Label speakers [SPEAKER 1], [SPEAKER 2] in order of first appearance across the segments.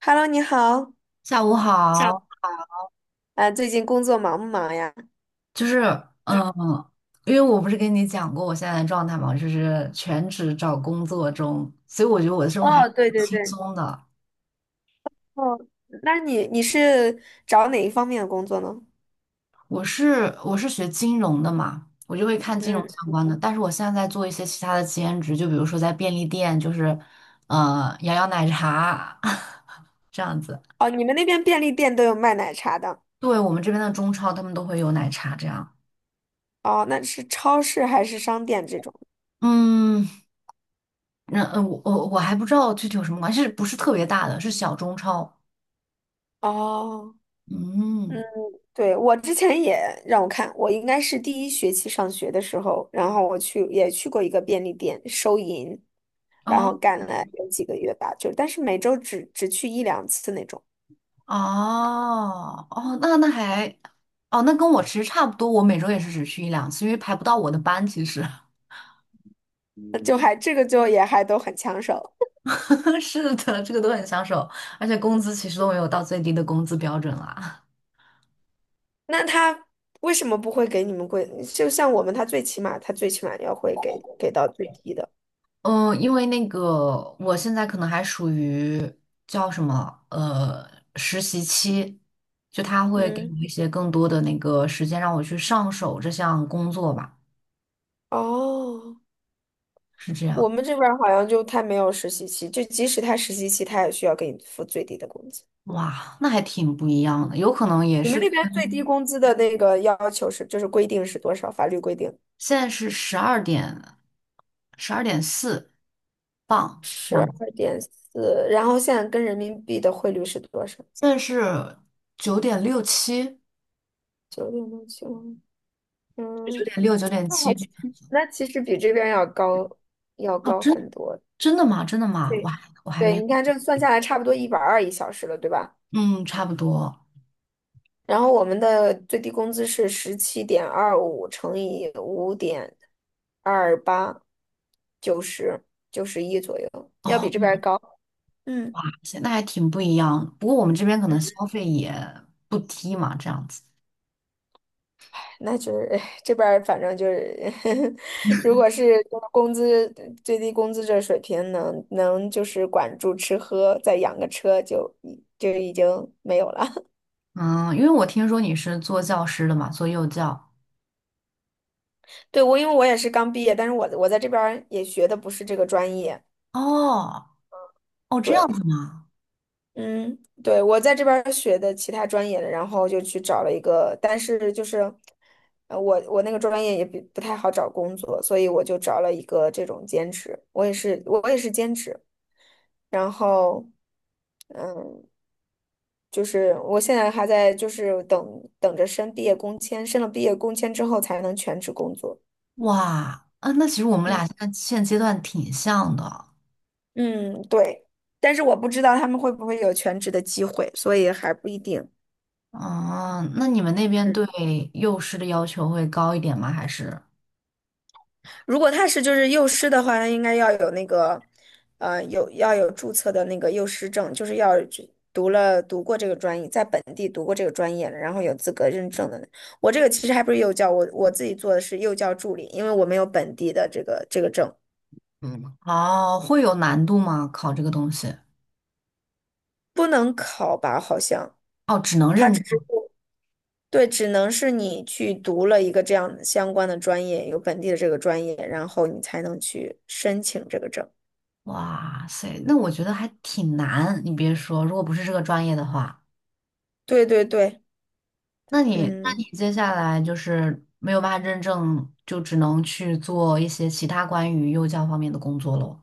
[SPEAKER 1] Hello，你好，
[SPEAKER 2] 下午
[SPEAKER 1] 小
[SPEAKER 2] 好，
[SPEAKER 1] 啊，最近工作忙不忙呀？
[SPEAKER 2] 就是嗯，因为我不是跟你讲过我现在的状态嘛，就是全职找工作中，所以我觉得我的生活还
[SPEAKER 1] 哦，
[SPEAKER 2] 挺
[SPEAKER 1] 对对
[SPEAKER 2] 轻
[SPEAKER 1] 对，
[SPEAKER 2] 松的。
[SPEAKER 1] 哦，那你是找哪一方面的工作呢？
[SPEAKER 2] 我是学金融的嘛，我就会看金融
[SPEAKER 1] 嗯，
[SPEAKER 2] 相关的，但是我现在在做一些其他的兼职，就比如说在便利店，摇摇奶茶 这样子。
[SPEAKER 1] 哦，你们那边便利店都有卖奶茶的。
[SPEAKER 2] 对，我们这边的中超他们都会有奶茶这样。
[SPEAKER 1] 哦，那是超市还是商店这种？
[SPEAKER 2] 嗯，我还不知道具体有什么关系，是不是特别大的，是小中超。
[SPEAKER 1] 哦，
[SPEAKER 2] 嗯。
[SPEAKER 1] 对，我之前也让我看，我应该是第一学期上学的时候，然后我去也去过一个便利店收银，然后
[SPEAKER 2] 哦
[SPEAKER 1] 干了有几个月吧，就但是每周只去一两次那种，
[SPEAKER 2] 哦哦，那那还哦，那跟我其实差不多，我每周也是只去一两次，因为排不到我的班。其实
[SPEAKER 1] 就还这个就也还都很抢手。
[SPEAKER 2] 是的，这个都很抢手，而且工资其实都没有到最低的工资标准啦。
[SPEAKER 1] 那他为什么不会给你们贵？就像我们，他最起码要会给到最低的。
[SPEAKER 2] 嗯，因为那个我现在可能还属于叫什么实习期，就他会给
[SPEAKER 1] 嗯，
[SPEAKER 2] 我一些更多的那个时间让我去上手这项工作吧，
[SPEAKER 1] 哦，
[SPEAKER 2] 是这
[SPEAKER 1] 我
[SPEAKER 2] 样。
[SPEAKER 1] 们这边儿好像就他没有实习期，就即使他实习期，他也需要给你付最低的工资。
[SPEAKER 2] 哇，那还挺不一样的，有可能也
[SPEAKER 1] 你们
[SPEAKER 2] 是。
[SPEAKER 1] 那边最低工资的那个要求是，就是规定是多少？法律规定
[SPEAKER 2] 现在是十二点，12.4磅这
[SPEAKER 1] 十
[SPEAKER 2] 样。
[SPEAKER 1] 二点四，然后现在跟人民币的汇率是多少？
[SPEAKER 2] 现在是9.67，
[SPEAKER 1] 9.675。嗯，
[SPEAKER 2] 九点
[SPEAKER 1] 那还
[SPEAKER 2] 七。
[SPEAKER 1] 其那其实比这边要高，要
[SPEAKER 2] 哦，
[SPEAKER 1] 高
[SPEAKER 2] 真
[SPEAKER 1] 很多。
[SPEAKER 2] 真的吗？真的吗？
[SPEAKER 1] 对，
[SPEAKER 2] 哇，我还没
[SPEAKER 1] 对，
[SPEAKER 2] 有，
[SPEAKER 1] 你看这算下来差不多120一小时了，对吧？
[SPEAKER 2] 嗯，差不多。
[SPEAKER 1] 然后我们的最低工资是17.25乘以5.28，九十91左右，要
[SPEAKER 2] 哦，
[SPEAKER 1] 比这边儿高。嗯，
[SPEAKER 2] 那还挺不一样。不过我们这边可能消费也不低嘛，这样子。
[SPEAKER 1] 那就是唉这边儿反正就是 如果是就是工资最低工资这水平能就是管住吃喝，再养个车就已经没有了。
[SPEAKER 2] 嗯，因为我听说你是做教师的嘛，做幼教。
[SPEAKER 1] 对，因为我也是刚毕业，但是我在这边儿也学的不是这个专业，
[SPEAKER 2] 哦，哦，这样
[SPEAKER 1] 对，
[SPEAKER 2] 子吗？
[SPEAKER 1] 嗯，对，我在这边儿学的其他专业的，然后就去找了一个，但是就是，我那个专业也不太好找工作，所以我就找了一个这种兼职，我也是兼职，然后，嗯，就是我现在还在就是等着申毕业工签，申了毕业工签之后才能全职工作。
[SPEAKER 2] 哇，啊，那其实我们
[SPEAKER 1] 嗯
[SPEAKER 2] 俩现在现阶段挺像的。
[SPEAKER 1] 嗯，对，但是我不知道他们会不会有全职的机会，所以还不一定。
[SPEAKER 2] 哦，那你们那边
[SPEAKER 1] 嗯。
[SPEAKER 2] 对幼师的要求会高一点吗？还是？
[SPEAKER 1] 如果他是就是幼师的话，他应该要有那个，有要有注册的那个幼师证，就是要去读过这个专业，在本地读过这个专业了，然后有资格认证的。我这个其实还不是幼教，我自己做的是幼教助理，因为我没有本地的这个证，
[SPEAKER 2] 嗯，哦，会有难度吗？考这个东西？
[SPEAKER 1] 不能考吧？好像
[SPEAKER 2] 哦，只能
[SPEAKER 1] 他
[SPEAKER 2] 认
[SPEAKER 1] 只是
[SPEAKER 2] 证。
[SPEAKER 1] 对，只能是你去读了一个这样相关的专业，有本地的这个专业，然后你才能去申请这个证。
[SPEAKER 2] 哇塞，那我觉得还挺难。你别说，如果不是这个专业的话，
[SPEAKER 1] 对对对，
[SPEAKER 2] 那你
[SPEAKER 1] 嗯，
[SPEAKER 2] 接下来就是没有办法认证，就只能去做一些其他关于幼教方面的工作喽。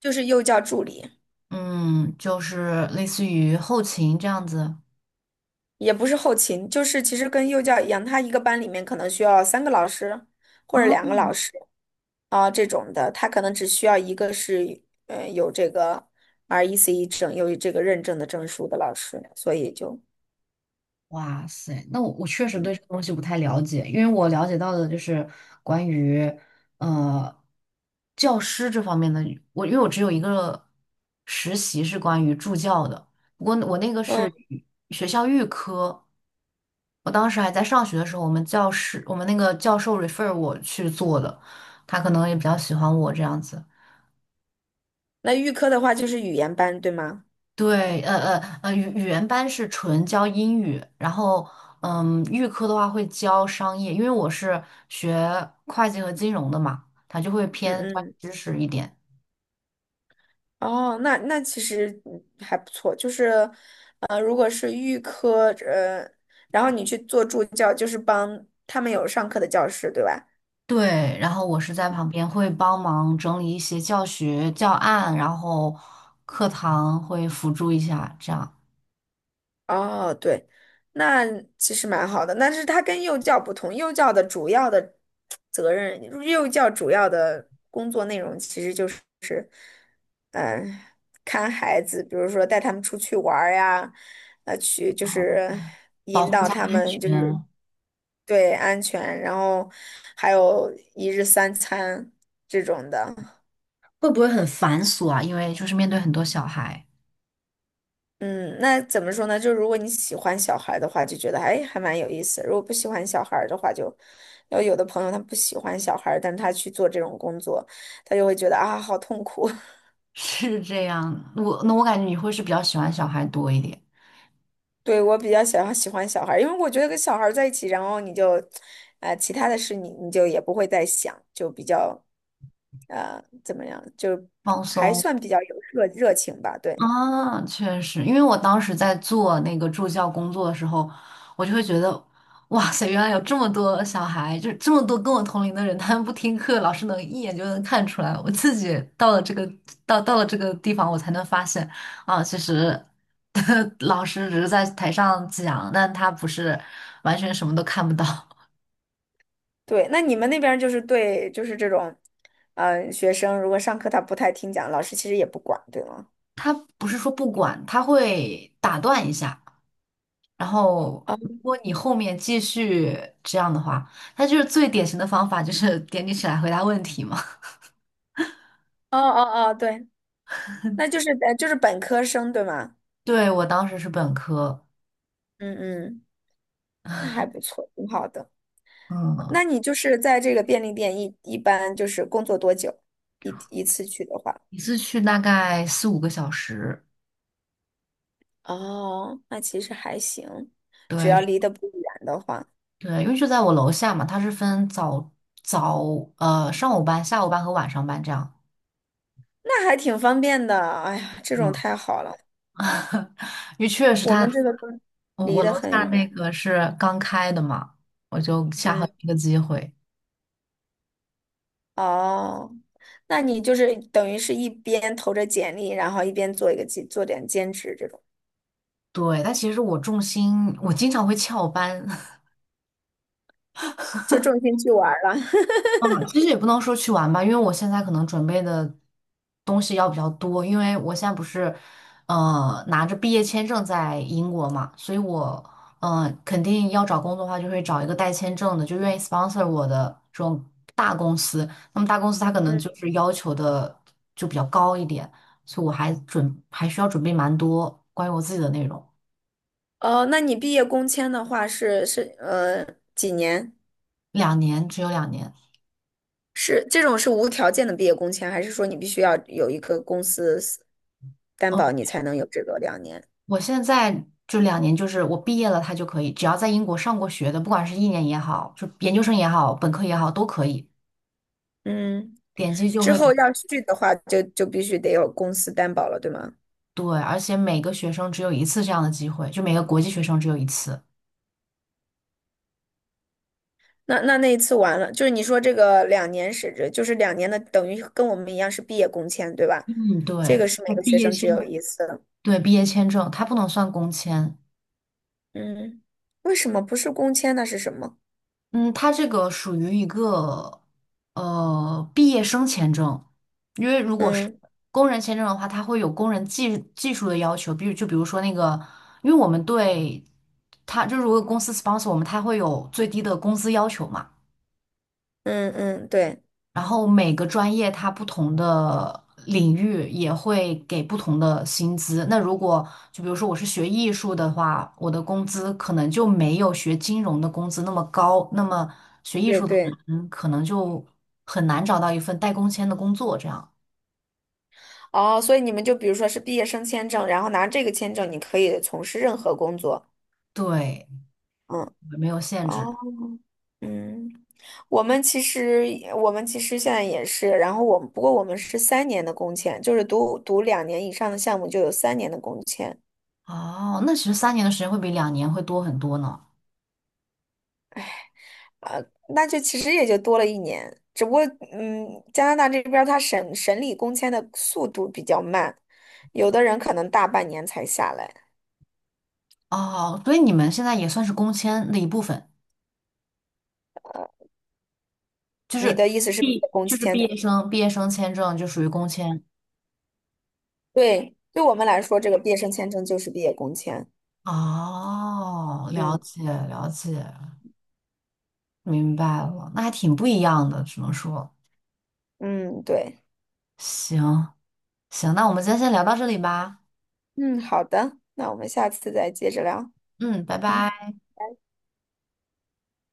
[SPEAKER 1] 就是幼教助理。
[SPEAKER 2] 嗯，就是类似于后勤这样子。
[SPEAKER 1] 也不是后勤，就是其实跟幼教一样，他一个班里面可能需要3个老师或者两个
[SPEAKER 2] 哦。
[SPEAKER 1] 老师啊、这种的，他可能只需要一个是有这个 RECE 证，有这个认证的证书的老师，所以就
[SPEAKER 2] 哇塞，那我确实对这个东西不太了解，因为我了解到的就是关于呃教师这方面的，因为我只有一个实习是关于助教的，不过我那个
[SPEAKER 1] 嗯，
[SPEAKER 2] 是语学校预科，我当时还在上学的时候，我们那个教授 refer 我去做的，他可能也比较喜欢我这样子。
[SPEAKER 1] 那预科的话就是语言班，对吗？
[SPEAKER 2] 对，语言班是纯教英语，然后嗯，预科的话会教商业，因为我是学会计和金融的嘛，它就会
[SPEAKER 1] 嗯
[SPEAKER 2] 偏专
[SPEAKER 1] 嗯，
[SPEAKER 2] 业知识一点。
[SPEAKER 1] 哦，那其实还不错，就是如果是预科然后你去做助教，就是帮他们有上课的教室，对吧？
[SPEAKER 2] 对，然后我是在旁边会帮忙整理一些教学教案，然后课堂会辅助一下，这样
[SPEAKER 1] 哦，对，那其实蛮好的。但是它跟幼教不同，幼教的主要的责任，幼教主要的工作内容其实就是，嗯、看孩子，比如说带他们出去玩儿呀，去就是
[SPEAKER 2] 保
[SPEAKER 1] 引
[SPEAKER 2] 护
[SPEAKER 1] 导他们就是
[SPEAKER 2] 员
[SPEAKER 1] 对安全，然后还有一日三餐这种的。
[SPEAKER 2] 会不会很繁琐啊？因为就是面对很多小孩，
[SPEAKER 1] 嗯，那怎么说呢？就如果你喜欢小孩的话，就觉得哎还蛮有意思；如果不喜欢小孩的话就，要有的朋友他不喜欢小孩，但他去做这种工作，他就会觉得啊好痛苦。
[SPEAKER 2] 是这样。我感觉你会是比较喜欢小孩多一点，
[SPEAKER 1] 对，我比较想要喜欢小孩，因为我觉得跟小孩在一起，然后你就，其他的事你就也不会再想，就比较怎么样，就
[SPEAKER 2] 放
[SPEAKER 1] 还
[SPEAKER 2] 松。
[SPEAKER 1] 算比较有热情吧。对，
[SPEAKER 2] 啊，确实，因为我当时在做那个助教工作的时候，我就会觉得，哇塞，原来有这么多小孩，就是这么多跟我同龄的人，他们不听课，老师能一眼就能看出来。我自己到了这个地方，我才能发现，啊，其实 老师只是在台上讲，但他不是完全什么都看不到，
[SPEAKER 1] 对，那你们那边儿就是对，就是这种，嗯、学生如果上课他不太听讲，老师其实也不管，对吗？
[SPEAKER 2] 他不是说不管，他会打断一下。然后，如
[SPEAKER 1] 哦
[SPEAKER 2] 果你后面继续这样的话，那就是最典型的方法，就是点你起来回答问题嘛。
[SPEAKER 1] 哦哦哦，对，那就是就是本科生，对吗？
[SPEAKER 2] 对，我当时是本科，
[SPEAKER 1] 嗯嗯，那还不错，挺好的。
[SPEAKER 2] 嗯，
[SPEAKER 1] 那你就是在这个便利店一般就是工作多久？一次去的话，
[SPEAKER 2] 一次去大概4-5个小时。
[SPEAKER 1] 哦，那其实还行，只要
[SPEAKER 2] 对
[SPEAKER 1] 离得不远的话，
[SPEAKER 2] 对，因为就在我楼下嘛，他是分早早呃上午班、下午班和晚上班这样。
[SPEAKER 1] 那还挺方便的。哎呀，这种
[SPEAKER 2] 嗯，
[SPEAKER 1] 太好了，
[SPEAKER 2] 因为确实
[SPEAKER 1] 我
[SPEAKER 2] 他
[SPEAKER 1] 们这个都
[SPEAKER 2] 我
[SPEAKER 1] 离
[SPEAKER 2] 我
[SPEAKER 1] 得
[SPEAKER 2] 楼下
[SPEAKER 1] 很
[SPEAKER 2] 那
[SPEAKER 1] 远。
[SPEAKER 2] 个是刚开的嘛，我就恰好
[SPEAKER 1] 嗯。
[SPEAKER 2] 有一个机会。
[SPEAKER 1] 哦，那你就是等于是一边投着简历，然后一边做一个兼做点兼职这种，
[SPEAKER 2] 对，但其实我重心，我经常会翘班。
[SPEAKER 1] 就重心去玩儿了。
[SPEAKER 2] 嗯其实也不能说去玩吧，因为我现在可能准备的东西要比较多，因为我现在不是，拿着毕业签证在英国嘛，所以我，肯定要找工作的话，就会找一个带签证的，就愿意 sponsor 我的这种大公司。那么大公司它可能
[SPEAKER 1] 嗯，
[SPEAKER 2] 就是要求的就比较高一点，所以我还需要准备蛮多关于我自己的内容，
[SPEAKER 1] 哦，那你毕业工签的话是几年？
[SPEAKER 2] 只有两年。
[SPEAKER 1] 是这种是无条件的毕业工签，还是说你必须要有一个公司担
[SPEAKER 2] 嗯。
[SPEAKER 1] 保你才能有这个两年？
[SPEAKER 2] 我现在就两年就是我毕业了，他就可以，只要在英国上过学的，不管是1年也好，就研究生也好，本科也好，都可以，
[SPEAKER 1] 嗯，
[SPEAKER 2] 点击就
[SPEAKER 1] 之
[SPEAKER 2] 会
[SPEAKER 1] 后要续的话就必须得有公司担保了，对吗？
[SPEAKER 2] 对，而且每个学生只有一次这样的机会，就每个国际学生只有一次。
[SPEAKER 1] 那一次完了，就是你说这个两年是指，就是2年的，等于跟我们一样是毕业工签，对吧？
[SPEAKER 2] 嗯，
[SPEAKER 1] 这个
[SPEAKER 2] 对，
[SPEAKER 1] 是
[SPEAKER 2] 我
[SPEAKER 1] 每个
[SPEAKER 2] 毕
[SPEAKER 1] 学
[SPEAKER 2] 业
[SPEAKER 1] 生只
[SPEAKER 2] 签
[SPEAKER 1] 有一次。的。
[SPEAKER 2] 对，毕业签证它不能算工签，
[SPEAKER 1] 嗯，为什么不是工签？那是什么？
[SPEAKER 2] 嗯，它这个属于一个毕业生签证，因为如果是
[SPEAKER 1] 嗯
[SPEAKER 2] 工人签证的话，它会有工人技术的要求，比如就比如说那个，因为我们对它就是如果公司 sponsor 我们，它会有最低的工资要求嘛。
[SPEAKER 1] 嗯嗯，对
[SPEAKER 2] 然后每个专业它不同的领域也会给不同的薪资。那如果就比如说我是学艺术的话，我的工资可能就没有学金融的工资那么高。那么学艺
[SPEAKER 1] 对
[SPEAKER 2] 术的
[SPEAKER 1] 对。
[SPEAKER 2] 人可能就很难找到一份带工签的工作。这样，
[SPEAKER 1] 哦，所以你们就比如说是毕业生签证，然后拿这个签证，你可以从事任何工作。
[SPEAKER 2] 对，
[SPEAKER 1] 嗯，
[SPEAKER 2] 没有限
[SPEAKER 1] 哦，
[SPEAKER 2] 制。
[SPEAKER 1] 嗯，我们其实我们其实现在也是，然后我们不过我们是三年的工签，就是读2年以上的项目就有三年的工签。
[SPEAKER 2] 哦，那其实3年的时间会比两年会多很多呢。
[SPEAKER 1] 呃，那就其实也就多了1年，只不过加拿大这边他审理工签的速度比较慢，有的人可能大半年才下来。
[SPEAKER 2] 哦，所以你们现在也算是工签的一部分，就
[SPEAKER 1] 你
[SPEAKER 2] 是
[SPEAKER 1] 的意思是毕业工
[SPEAKER 2] 就是
[SPEAKER 1] 签
[SPEAKER 2] 毕
[SPEAKER 1] 的？
[SPEAKER 2] 业生毕业生签证就属于工签。
[SPEAKER 1] 对，对我们来说，这个毕业生签证就是毕业工签。
[SPEAKER 2] 哦，了
[SPEAKER 1] 嗯
[SPEAKER 2] 解了解，明白了，那还挺不一样的，只能说，
[SPEAKER 1] 嗯，对，
[SPEAKER 2] 行行，那我们今天先聊到这里吧，
[SPEAKER 1] 嗯，好的，那我们下次再接着聊。
[SPEAKER 2] 嗯，拜
[SPEAKER 1] 嗯。
[SPEAKER 2] 拜。